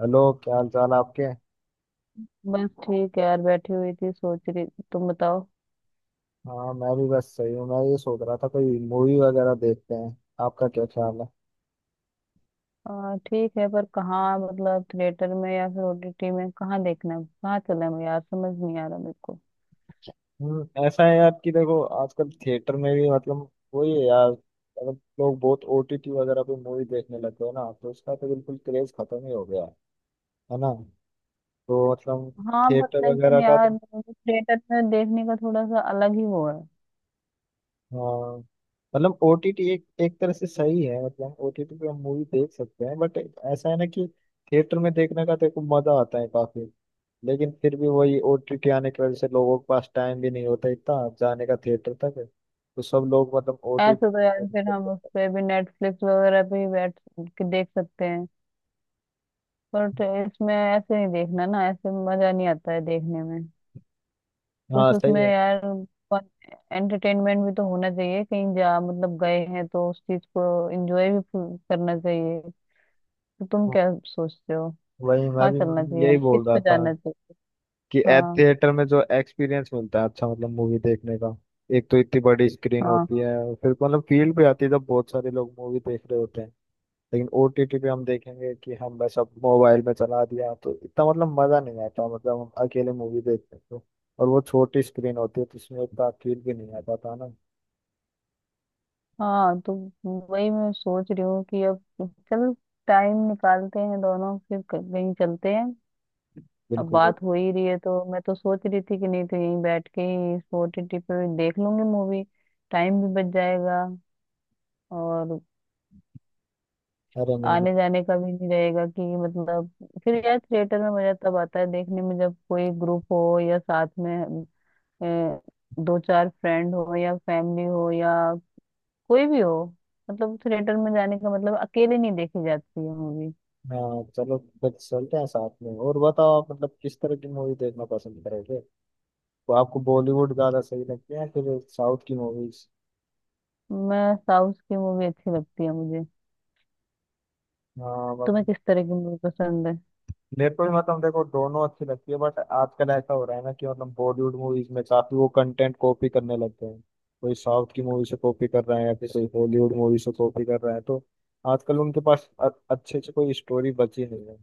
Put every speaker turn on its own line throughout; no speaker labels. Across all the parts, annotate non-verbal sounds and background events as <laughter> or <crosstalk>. Hello, क्या हाल चाल है आपके।
बस ठीक है यार, बैठी हुई थी सोच रही। तुम बताओ।
हाँ, मैं भी बस सही हूँ। मैं ये सोच रहा था कोई मूवी वगैरह देखते हैं। आपका क्या ख्याल है।
ठीक है, पर कहाँ मतलब थिएटर में या फिर ओटीटी में, कहाँ देखना है कहाँ चले हम यार, समझ नहीं आ रहा मेरे को।
ऐसा है यार कि देखो आजकल थिएटर में भी मतलब वही है यार, मतलब लोग बहुत ओटीटी वगैरह पे मूवी देखने लग गए ना, तो उसका तो बिल्कुल क्रेज खत्म ही हो गया है ना। तो मतलब
हाँ, बट
थिएटर
लेकिन
वगैरह का तो।
यार थिएटर में देखने का थोड़ा सा अलग ही वो है।
हाँ, मतलब ओटीटी एक एक तरह से सही है। मतलब ओटीटी पे हम मूवी देख सकते हैं बट ऐसा है ना कि थिएटर में देखने का देखो मजा आता है काफी। लेकिन फिर भी वही ओटी के आने की वजह से लोगों के पास टाइम भी नहीं होता इतना जाने का थिएटर तक। तो सब लोग मतलब ओटी।
ऐसे तो यार फिर हम उस पे भी नेटफ्लिक्स वगैरह पे ही बैठ के देख सकते हैं। पर इसमें ऐसे नहीं देखना ना, ऐसे मजा नहीं आता है देखने में
हाँ,
कुछ
सही
उसमें
है।
यार। एंटरटेनमेंट भी तो होना चाहिए, कहीं जा मतलब गए हैं तो उस चीज को एंजॉय भी करना चाहिए। तो तुम
हाँ,
क्या सोचते हो?
वही मैं
कहाँ
भी
चलना
मतलब
चाहिए
यही
हम,
बोल
किस
रहा
पे
था
जाना चाहिए?
कि एट
हाँ,
थिएटर में जो एक्सपीरियंस मिलता है अच्छा, मतलब मूवी देखने का। एक तो इतनी बड़ी स्क्रीन
हाँ,
होती है और फिर मतलब फील भी आती है जब बहुत सारे लोग मूवी देख रहे होते हैं। लेकिन ओटीटी पे हम देखेंगे कि हम बस अब मोबाइल में चला दिया तो इतना मतलब मजा नहीं आता। मतलब हम अकेले मूवी देखते हैं तो और वो छोटी स्क्रीन होती है तो उसमें इतना फील भी नहीं आता था ना।
हाँ, तो वही मैं सोच रही हूँ कि अब चल टाइम निकालते हैं दोनों, फिर कहीं चलते हैं। अब
बिल्कुल भी।
बात हो ही रही है तो मैं तो सोच रही थी कि नहीं तो यहीं बैठ के ही ओटीटी पे देख लूंगी मूवी, टाइम भी बच जाएगा और
अरे नहीं नहीं।
आने जाने का भी नहीं रहेगा कि मतलब। फिर यार थिएटर में मजा तब आता है देखने में जब कोई ग्रुप हो या साथ में, अ, दो चार फ्रेंड हो या फैमिली हो या कोई भी हो। मतलब थिएटर में जाने का मतलब अकेले नहीं देखी जाती है मूवी।
हाँ, चलो फिर चलते हैं साथ में। और बताओ आप मतलब किस तरह की मूवी देखना पसंद करोगे। तो आपको बॉलीवुड ज्यादा सही लगती है या फिर साउथ की मूवीज।
मैं, साउथ की मूवी अच्छी लगती है मुझे।
हाँ
तुम्हें
मतलब।
किस तरह की मूवी पसंद है?
मेरे को भी मतलब देखो दोनों अच्छी लगती है बट आजकल ऐसा हो रहा है ना कि मतलब बॉलीवुड मूवीज में काफी वो कंटेंट कॉपी करने लगते हैं। कोई साउथ की मूवी से कॉपी कर रहा है या फिर कोई हॉलीवुड मूवी से कॉपी कर रहा है। तो आजकल उनके पास अच्छे से कोई स्टोरी बची नहीं है।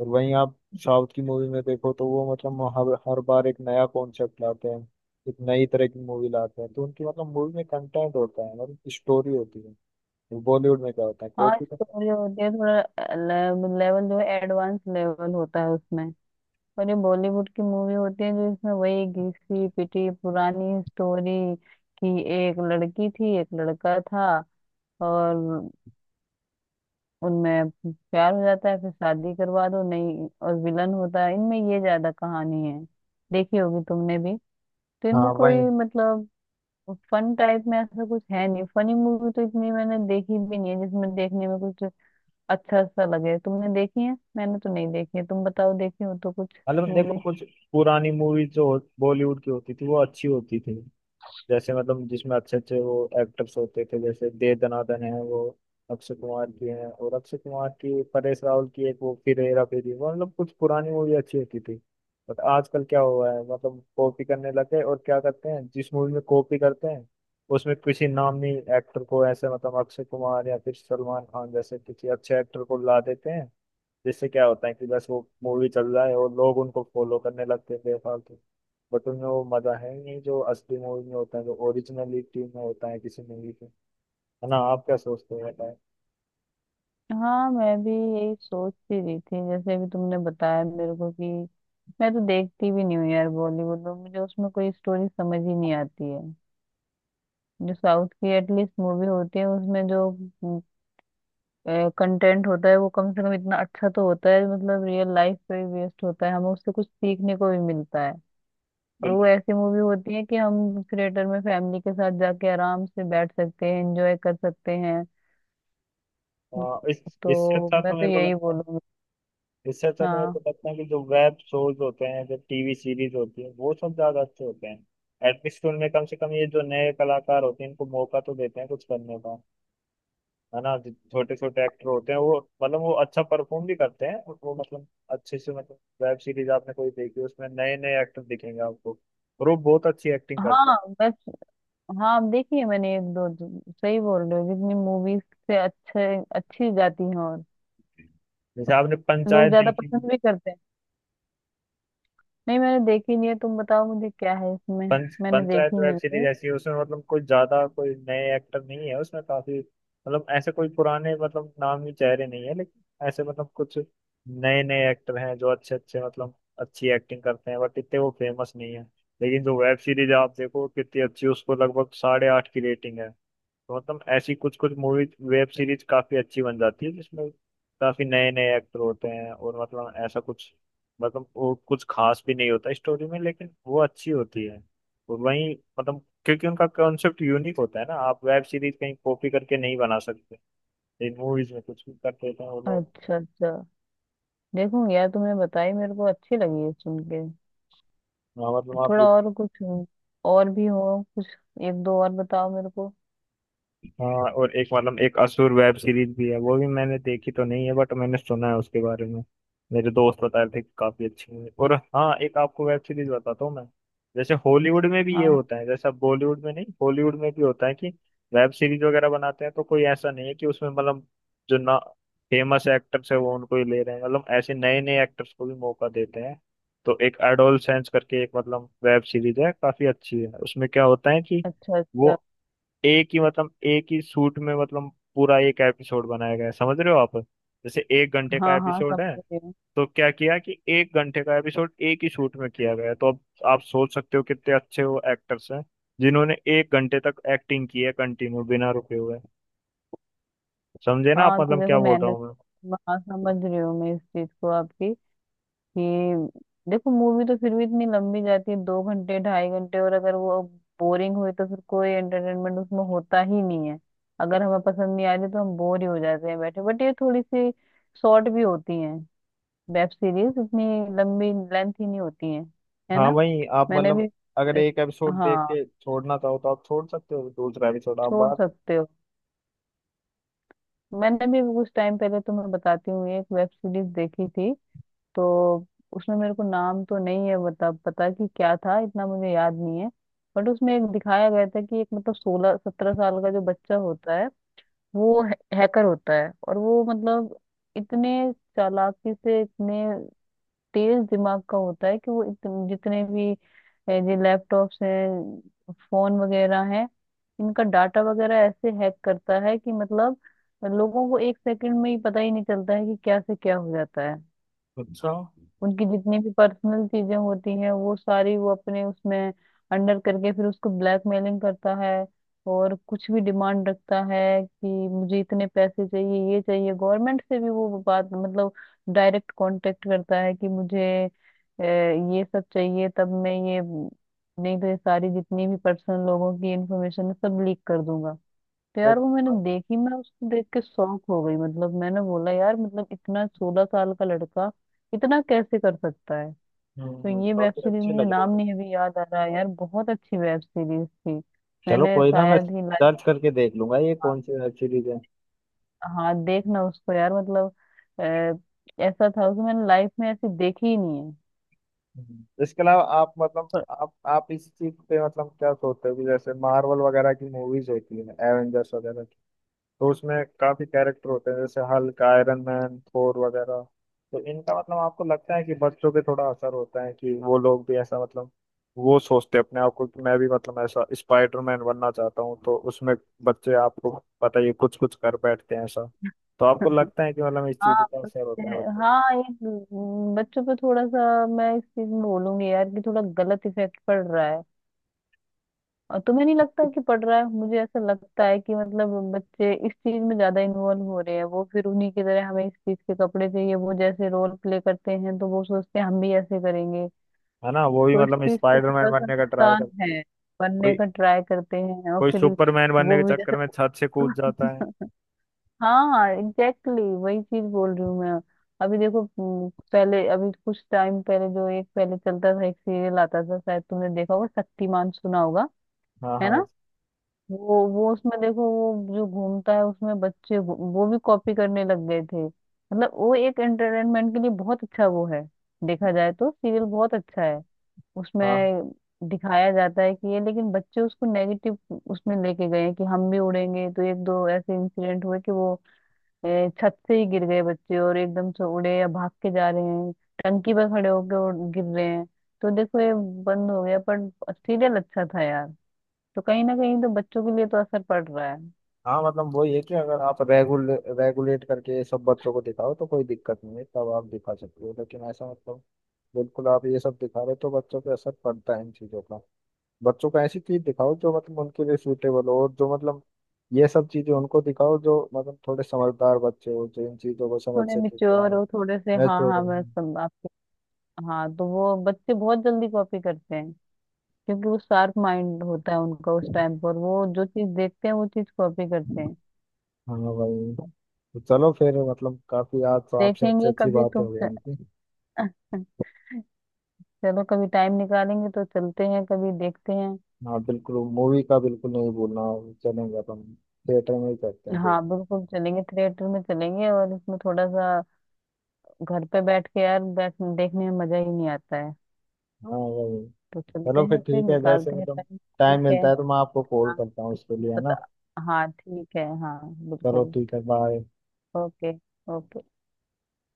और वहीं आप साउथ की मूवी में देखो तो वो मतलब हर हर बार एक नया कॉन्सेप्ट लाते हैं, एक नई तरह की मूवी लाते हैं। तो उनकी मतलब मूवी में कंटेंट होता है, मतलब स्टोरी होती है। बॉलीवुड में क्या होता है,
हाँ,
कॉपी का।
स्टोरी होती है, थोड़ा लेवल जो है एडवांस लेवल होता है उसमें। और ये बॉलीवुड की मूवी होती है जो इसमें वही घिसी पिटी पुरानी स्टोरी, कि एक लड़की थी, एक लड़का था, और उनमें प्यार हो जाता है, फिर शादी करवा दो, नहीं, और विलन होता है इनमें, ये ज्यादा कहानी है। देखी होगी तुमने भी। तो इनमें
हाँ
कोई
वही।
मतलब फन टाइप में ऐसा कुछ है नहीं, फनी मूवी तो इतनी मैंने देखी भी नहीं है जिसमें देखने में कुछ अच्छा सा लगे। तुमने देखी है? मैंने तो नहीं देखी है। तुम बताओ, देखी हो तो कुछ
मतलब देखो
मूवी।
कुछ पुरानी मूवी जो बॉलीवुड की होती थी वो अच्छी होती थी। जैसे मतलब जिसमें अच्छे अच्छे वो एक्टर्स होते थे, जैसे दे दनादन है वो अक्षय कुमार की है। और अक्षय कुमार की परेश रावल की एक वो फिर हेरा फेरी, वो मतलब कुछ पुरानी मूवी अच्छी होती थी। बट आजकल क्या हुआ है मतलब कॉपी करने लगे, और क्या करते हैं जिस मूवी में कॉपी करते हैं उसमें किसी नामी एक्टर को ऐसे मतलब अक्षय कुमार या फिर सलमान खान जैसे किसी अच्छे एक्टर को ला देते हैं। जिससे क्या होता है कि बस वो मूवी चल रहा है और लोग उनको फॉलो करने लगते हैं बेफालतू। बट उनमें वो मजा है नहीं जो असली मूवी में होता है, जो ओरिजिनलिटी में होता है किसी मूवी के। है ना, आप क्या सोचते हो बताएं।
हाँ, मैं भी यही सोच ही रही थी। जैसे अभी तुमने बताया मेरे को कि मैं तो देखती भी नहीं हूँ यार बॉलीवुड में, मुझे उसमें कोई स्टोरी समझ ही नहीं आती है। जो साउथ की एटलीस्ट मूवी होती है उसमें जो कंटेंट होता है वो कम से कम इतना अच्छा तो होता है, मतलब रियल लाइफ पे बेस्ड होता है, हमें उससे कुछ सीखने को भी मिलता है। और वो
बिल्कुल।
ऐसी मूवी होती है कि हम थिएटर में फैमिली के साथ जाके आराम से बैठ सकते हैं, एंजॉय कर सकते हैं।
इस इससे
तो
अच्छा
मैं
तो
तो
मेरे को
यही
लगता है।
बोलूंगी।
इससे अच्छा तो मेरे को
हाँ,
लगता है कि जो वेब शोज होते हैं, जो टीवी सीरीज होती है, वो सब ज्यादा अच्छे होते हैं। एटलीस्ट उनमें कम से कम ये जो नए कलाकार होते हैं इनको मौका तो देते हैं कुछ करने का। है ना, जो छोटे छोटे एक्टर होते हैं वो मतलब वो अच्छा परफॉर्म भी करते हैं और वो मतलब अच्छे से मतलब वेब सीरीज आपने कोई देखी उसमें नए नए एक्टर दिखेंगे आपको। और वो बहुत अच्छी एक्टिंग करते हैं।
हाँ, मैं, हाँ, आप देखिए मैंने एक दो दो- सही बोल रहे हो, जितनी मूवीज से अच्छे अच्छी जाती हैं और
जैसे आपने
लोग
पंचायत
ज्यादा
देखी।
पसंद भी करते हैं। नहीं, मैंने देखी नहीं है। तुम बताओ मुझे क्या है इसमें।
पंच
मैंने देखी
पंचायत वेब
नहीं
सीरीज
है।
ऐसी है उसमें मतलब कोई ज्यादा कोई नए एक्टर नहीं है उसमें काफी मतलब ऐसे कोई पुराने मतलब नामी चेहरे नहीं है, लेकिन ऐसे मतलब कुछ नए नए एक्टर हैं जो अच्छे अच्छे मतलब अच्छी एक्टिंग करते हैं बट इतने वो फेमस नहीं है। लेकिन जो वेब सीरीज आप देखो कितनी अच्छी, उसको लगभग 8.5 की रेटिंग है। तो मतलब ऐसी कुछ कुछ मूवी वेब सीरीज काफी अच्छी बन जाती है जिसमें काफी नए नए एक्टर होते हैं। और मतलब ऐसा कुछ मतलब वो कुछ खास भी नहीं होता स्टोरी में लेकिन वो अच्छी होती है। और वही मतलब क्योंकि उनका कॉन्सेप्ट यूनिक होता है ना, आप वेब सीरीज कहीं कॉपी करके नहीं बना सकते। इन मूवीज में कुछ भी कर देते हैं वो लोग।
अच्छा, अच्छा, देखूंगी यार, तुमने बताई मेरे को, अच्छी लगी है सुन के।
हाँ, मतलब आप।
थोड़ा और कुछ, और भी हो कुछ, एक दो और बताओ मेरे को।
हाँ, और एक मतलब एक असुर वेब सीरीज भी है, वो भी मैंने देखी तो नहीं है बट मैंने सुना है उसके बारे में। मेरे दोस्त बता रहे थे कि काफी अच्छी है। और हाँ, एक आपको वेब सीरीज बताता हूँ मैं। जैसे हॉलीवुड में भी ये
हाँ,
होता है, जैसा बॉलीवुड में नहीं हॉलीवुड में भी होता है कि वेब सीरीज वगैरह बनाते हैं तो कोई ऐसा नहीं है कि उसमें मतलब जो ना फेमस एक्टर्स है वो उनको ही ले रहे हैं, मतलब ऐसे नए नए एक्टर्स को भी मौका देते हैं। तो एक एडोलसेंस करके एक मतलब वेब सीरीज है, काफी अच्छी है। उसमें क्या होता है कि
अच्छा,
वो
अच्छा,
एक ही मतलब एक ही शूट में मतलब पूरा एक एपिसोड बनाया गया है। समझ रहे हो आप जैसे 1 घंटे
हाँ,
का
हाँ,
एपिसोड है।
समझ रही हूँ।
तो क्या किया कि 1 घंटे का एपिसोड एक ही शूट में किया गया है। तो अब आप सोच सकते हो कितने अच्छे वो एक्टर्स हैं जिन्होंने 1 घंटे तक एक्टिंग की है कंटिन्यू बिना रुके हुए। समझे ना आप
हाँ, तो
मतलब क्या
देखो
बोल रहा
मैंने,
हूँ मैं।
हाँ, समझ रही हूँ मैं इस चीज को आपकी। ये देखो, मूवी तो फिर भी इतनी लंबी जाती है, 2 घंटे 2.5 घंटे, और अगर वो बोरिंग हुई तो फिर कोई एंटरटेनमेंट उसमें होता ही नहीं है। अगर हमें पसंद नहीं आ रही तो हम बोर ही हो जाते हैं बैठे। बट ये थोड़ी सी शॉर्ट भी होती है वेब सीरीज, इतनी लंबी लेंथ ही नहीं होती है
हाँ
ना?
वही आप
मैंने
मतलब।
भी,
अगर एक एपिसोड देख
हाँ,
के छोड़ना चाहो तो आप छोड़ सकते हो दूसरा एपिसोड आप
छोड़
बात।
सकते हो। मैंने भी कुछ टाइम पहले, तुम्हें बताती हूँ, एक वेब सीरीज देखी थी। तो उसमें मेरे को नाम तो नहीं है बता पता कि क्या था, इतना मुझे याद नहीं है। बट उसमें एक दिखाया गया था कि एक मतलब 16 17 साल का जो बच्चा होता है वो हैकर होता है, और वो मतलब इतने चालाकी से, इतने तेज दिमाग का होता है कि वो जितने भी जो लैपटॉप्स हैं फोन वगैरह हैं, इनका डाटा वगैरह ऐसे हैक करता है कि मतलब लोगों को एक सेकंड में ही पता ही नहीं चलता है कि क्या से क्या हो जाता है।
अच्छा।
उनकी जितनी भी पर्सनल चीजें होती हैं वो सारी वो अपने उसमें अंडर करके फिर उसको ब्लैकमेलिंग करता है। और कुछ भी डिमांड रखता है, कि मुझे इतने पैसे चाहिए, ये चाहिए, गवर्नमेंट से भी वो बात मतलब डायरेक्ट कांटेक्ट करता है कि मुझे ये सब चाहिए, तब मैं ये, नहीं तो ये सारी जितनी भी पर्सनल लोगों की इंफॉर्मेशन है सब लीक कर दूंगा। तो
अरे,
यार वो मैंने देखी, मैं उसको देख के शॉक हो गई, मतलब मैंने बोला यार मतलब इतना 16 साल का लड़का इतना कैसे कर सकता है! तो ये वेब
काफी
सीरीज
अच्छे
मुझे
लग रहे
नाम
हैं।
नहीं अभी याद आ रहा है यार, बहुत अच्छी वेब सीरीज थी।
चलो
मैंने
कोई ना, मैं
शायद ही लाइफ,
सर्च करके देख लूंगा ये
हाँ।
कौन सी वेब सीरीज है।
हाँ, देखना उसको यार, मतलब ऐसा था उसको, मैंने लाइफ में ऐसी देखी ही नहीं है।
हम्म। इसके अलावा आप मतलब
पर-
आप इस चीज पे मतलब क्या सोचते हो कि जैसे मार्वल वगैरह की मूवीज होती है, एवेंजर्स वगैरह। तो उसमें काफी कैरेक्टर होते हैं जैसे हल्क, आयरन मैन, थोर वगैरह। तो इनका मतलब आपको लगता है कि बच्चों पे थोड़ा असर होता है कि वो लोग भी ऐसा मतलब वो सोचते हैं अपने आप को कि मैं भी मतलब ऐसा स्पाइडरमैन बनना चाहता हूँ तो उसमें बच्चे आपको पता ही कुछ कुछ कर बैठते हैं ऐसा। तो आपको
<laughs>
लगता है कि मतलब इस चीज
हाँ,
का असर होता है बच्चों पे?
हाँ, ये बच्चों पे थोड़ा सा मैं इस चीज में बोलूंगी यार कि थोड़ा गलत इफेक्ट पड़ रहा है। और तुम्हें नहीं लगता कि पढ़ रहा है? मुझे ऐसा लगता है कि मतलब बच्चे इस चीज में ज्यादा इन्वॉल्व हो रहे हैं। वो फिर उन्हीं की तरह हमें इस चीज के कपड़े चाहिए, वो जैसे रोल प्ले करते हैं तो वो सोचते हैं हम भी ऐसे करेंगे।
है ना, वो भी
तो इस
मतलब
चीज से
स्पाइडरमैन
थोड़ा सा
बनने का ट्राई कर।
नुकसान है। बनने
कोई
का ट्राई करते हैं और
कोई
फिर
सुपरमैन बनने के
वो भी
चक्कर
जैसे,
में छत से कूद जाता है।
<laughs> हाँ एग्जैक्टली exactly, वही चीज बोल रही हूँ मैं। अभी देखो, पहले, अभी कुछ टाइम पहले जो, एक पहले चलता था एक सीरियल आता था, शायद तुमने देखा होगा, शक्तिमान सुना होगा,
हाँ,
है ना?
हाँ,
वो उसमें देखो वो जो घूमता है, उसमें बच्चे वो भी कॉपी करने लग गए थे, मतलब वो एक एंटरटेनमेंट के लिए बहुत अच्छा वो है। देखा जाए तो सीरियल बहुत अच्छा है।
हाँ,
उसमें दिखाया जाता है कि ये, लेकिन बच्चे उसको नेगेटिव उसमें लेके गए हैं कि हम भी उड़ेंगे। तो एक दो ऐसे इंसिडेंट हुए कि वो छत से ही गिर गए बच्चे, और एकदम से उड़े या भाग के जा रहे हैं, टंकी पर खड़े होकर गिर रहे हैं। तो देखो ये बंद हो गया, पर सीरियल अच्छा था यार। तो कहीं ना कहीं तो बच्चों के लिए तो असर पड़ रहा है।
हाँ। मतलब वही है कि अगर आप रेगुलेट करके सब बच्चों को दिखाओ तो कोई दिक्कत नहीं है, तब आप दिखा सकते हो। लेकिन ऐसा मतलब बिल्कुल आप ये सब दिखा रहे हो तो बच्चों पे असर पड़ता है इन चीज़ों का। बच्चों को ऐसी चीज़ दिखाओ जो मतलब उनके लिए सूटेबल हो, और जो मतलब ये सब चीज़ें उनको दिखाओ जो मतलब थोड़े समझदार बच्चे हो जो इन चीज़ों को समझ
थोड़े
सके कि हाँ।
मिच्योर हो, थोड़े से,
मैं
हाँ,
तो
हाँ,
रही
बस
हूँ।
सब आपके। हाँ, तो वो बच्चे बहुत जल्दी कॉपी करते हैं, क्योंकि वो शार्प माइंड होता है उनका, उस टाइम पर वो जो चीज देखते हैं वो चीज कॉपी करते हैं।
हाँ भाई। तो चलो फिर मतलब काफ़ी आज तो आपसे अच्छी
देखेंगे
अच्छी
कभी
बातें
तुम।
हो गई इनकी।
<laughs> चलो, कभी टाइम निकालेंगे तो चलते हैं, कभी देखते हैं।
हाँ, बिल्कुल मूवी का बिल्कुल नहीं भूलना। चलेंगे अपन थिएटर में ही करते हैं
हाँ
फिर।
बिल्कुल, चलेंगे थिएटर में चलेंगे, और इसमें थोड़ा सा घर पे बैठ के यार, बैठ देखने में मजा ही नहीं आता है।
हाँ वही।
तो चलते
चलो फिर
हैं, फिर
ठीक है, जैसे
निकालते हैं
मतलब
टाइम,
टाइम
ठीक है।
मिलता है तो मैं आपको कॉल
हाँ,
करता हूँ उसके लिए, है ना।
पता। हाँ ठीक है, हाँ
चलो
बिल्कुल।
ठीक है, बाय।
ओके। ओके।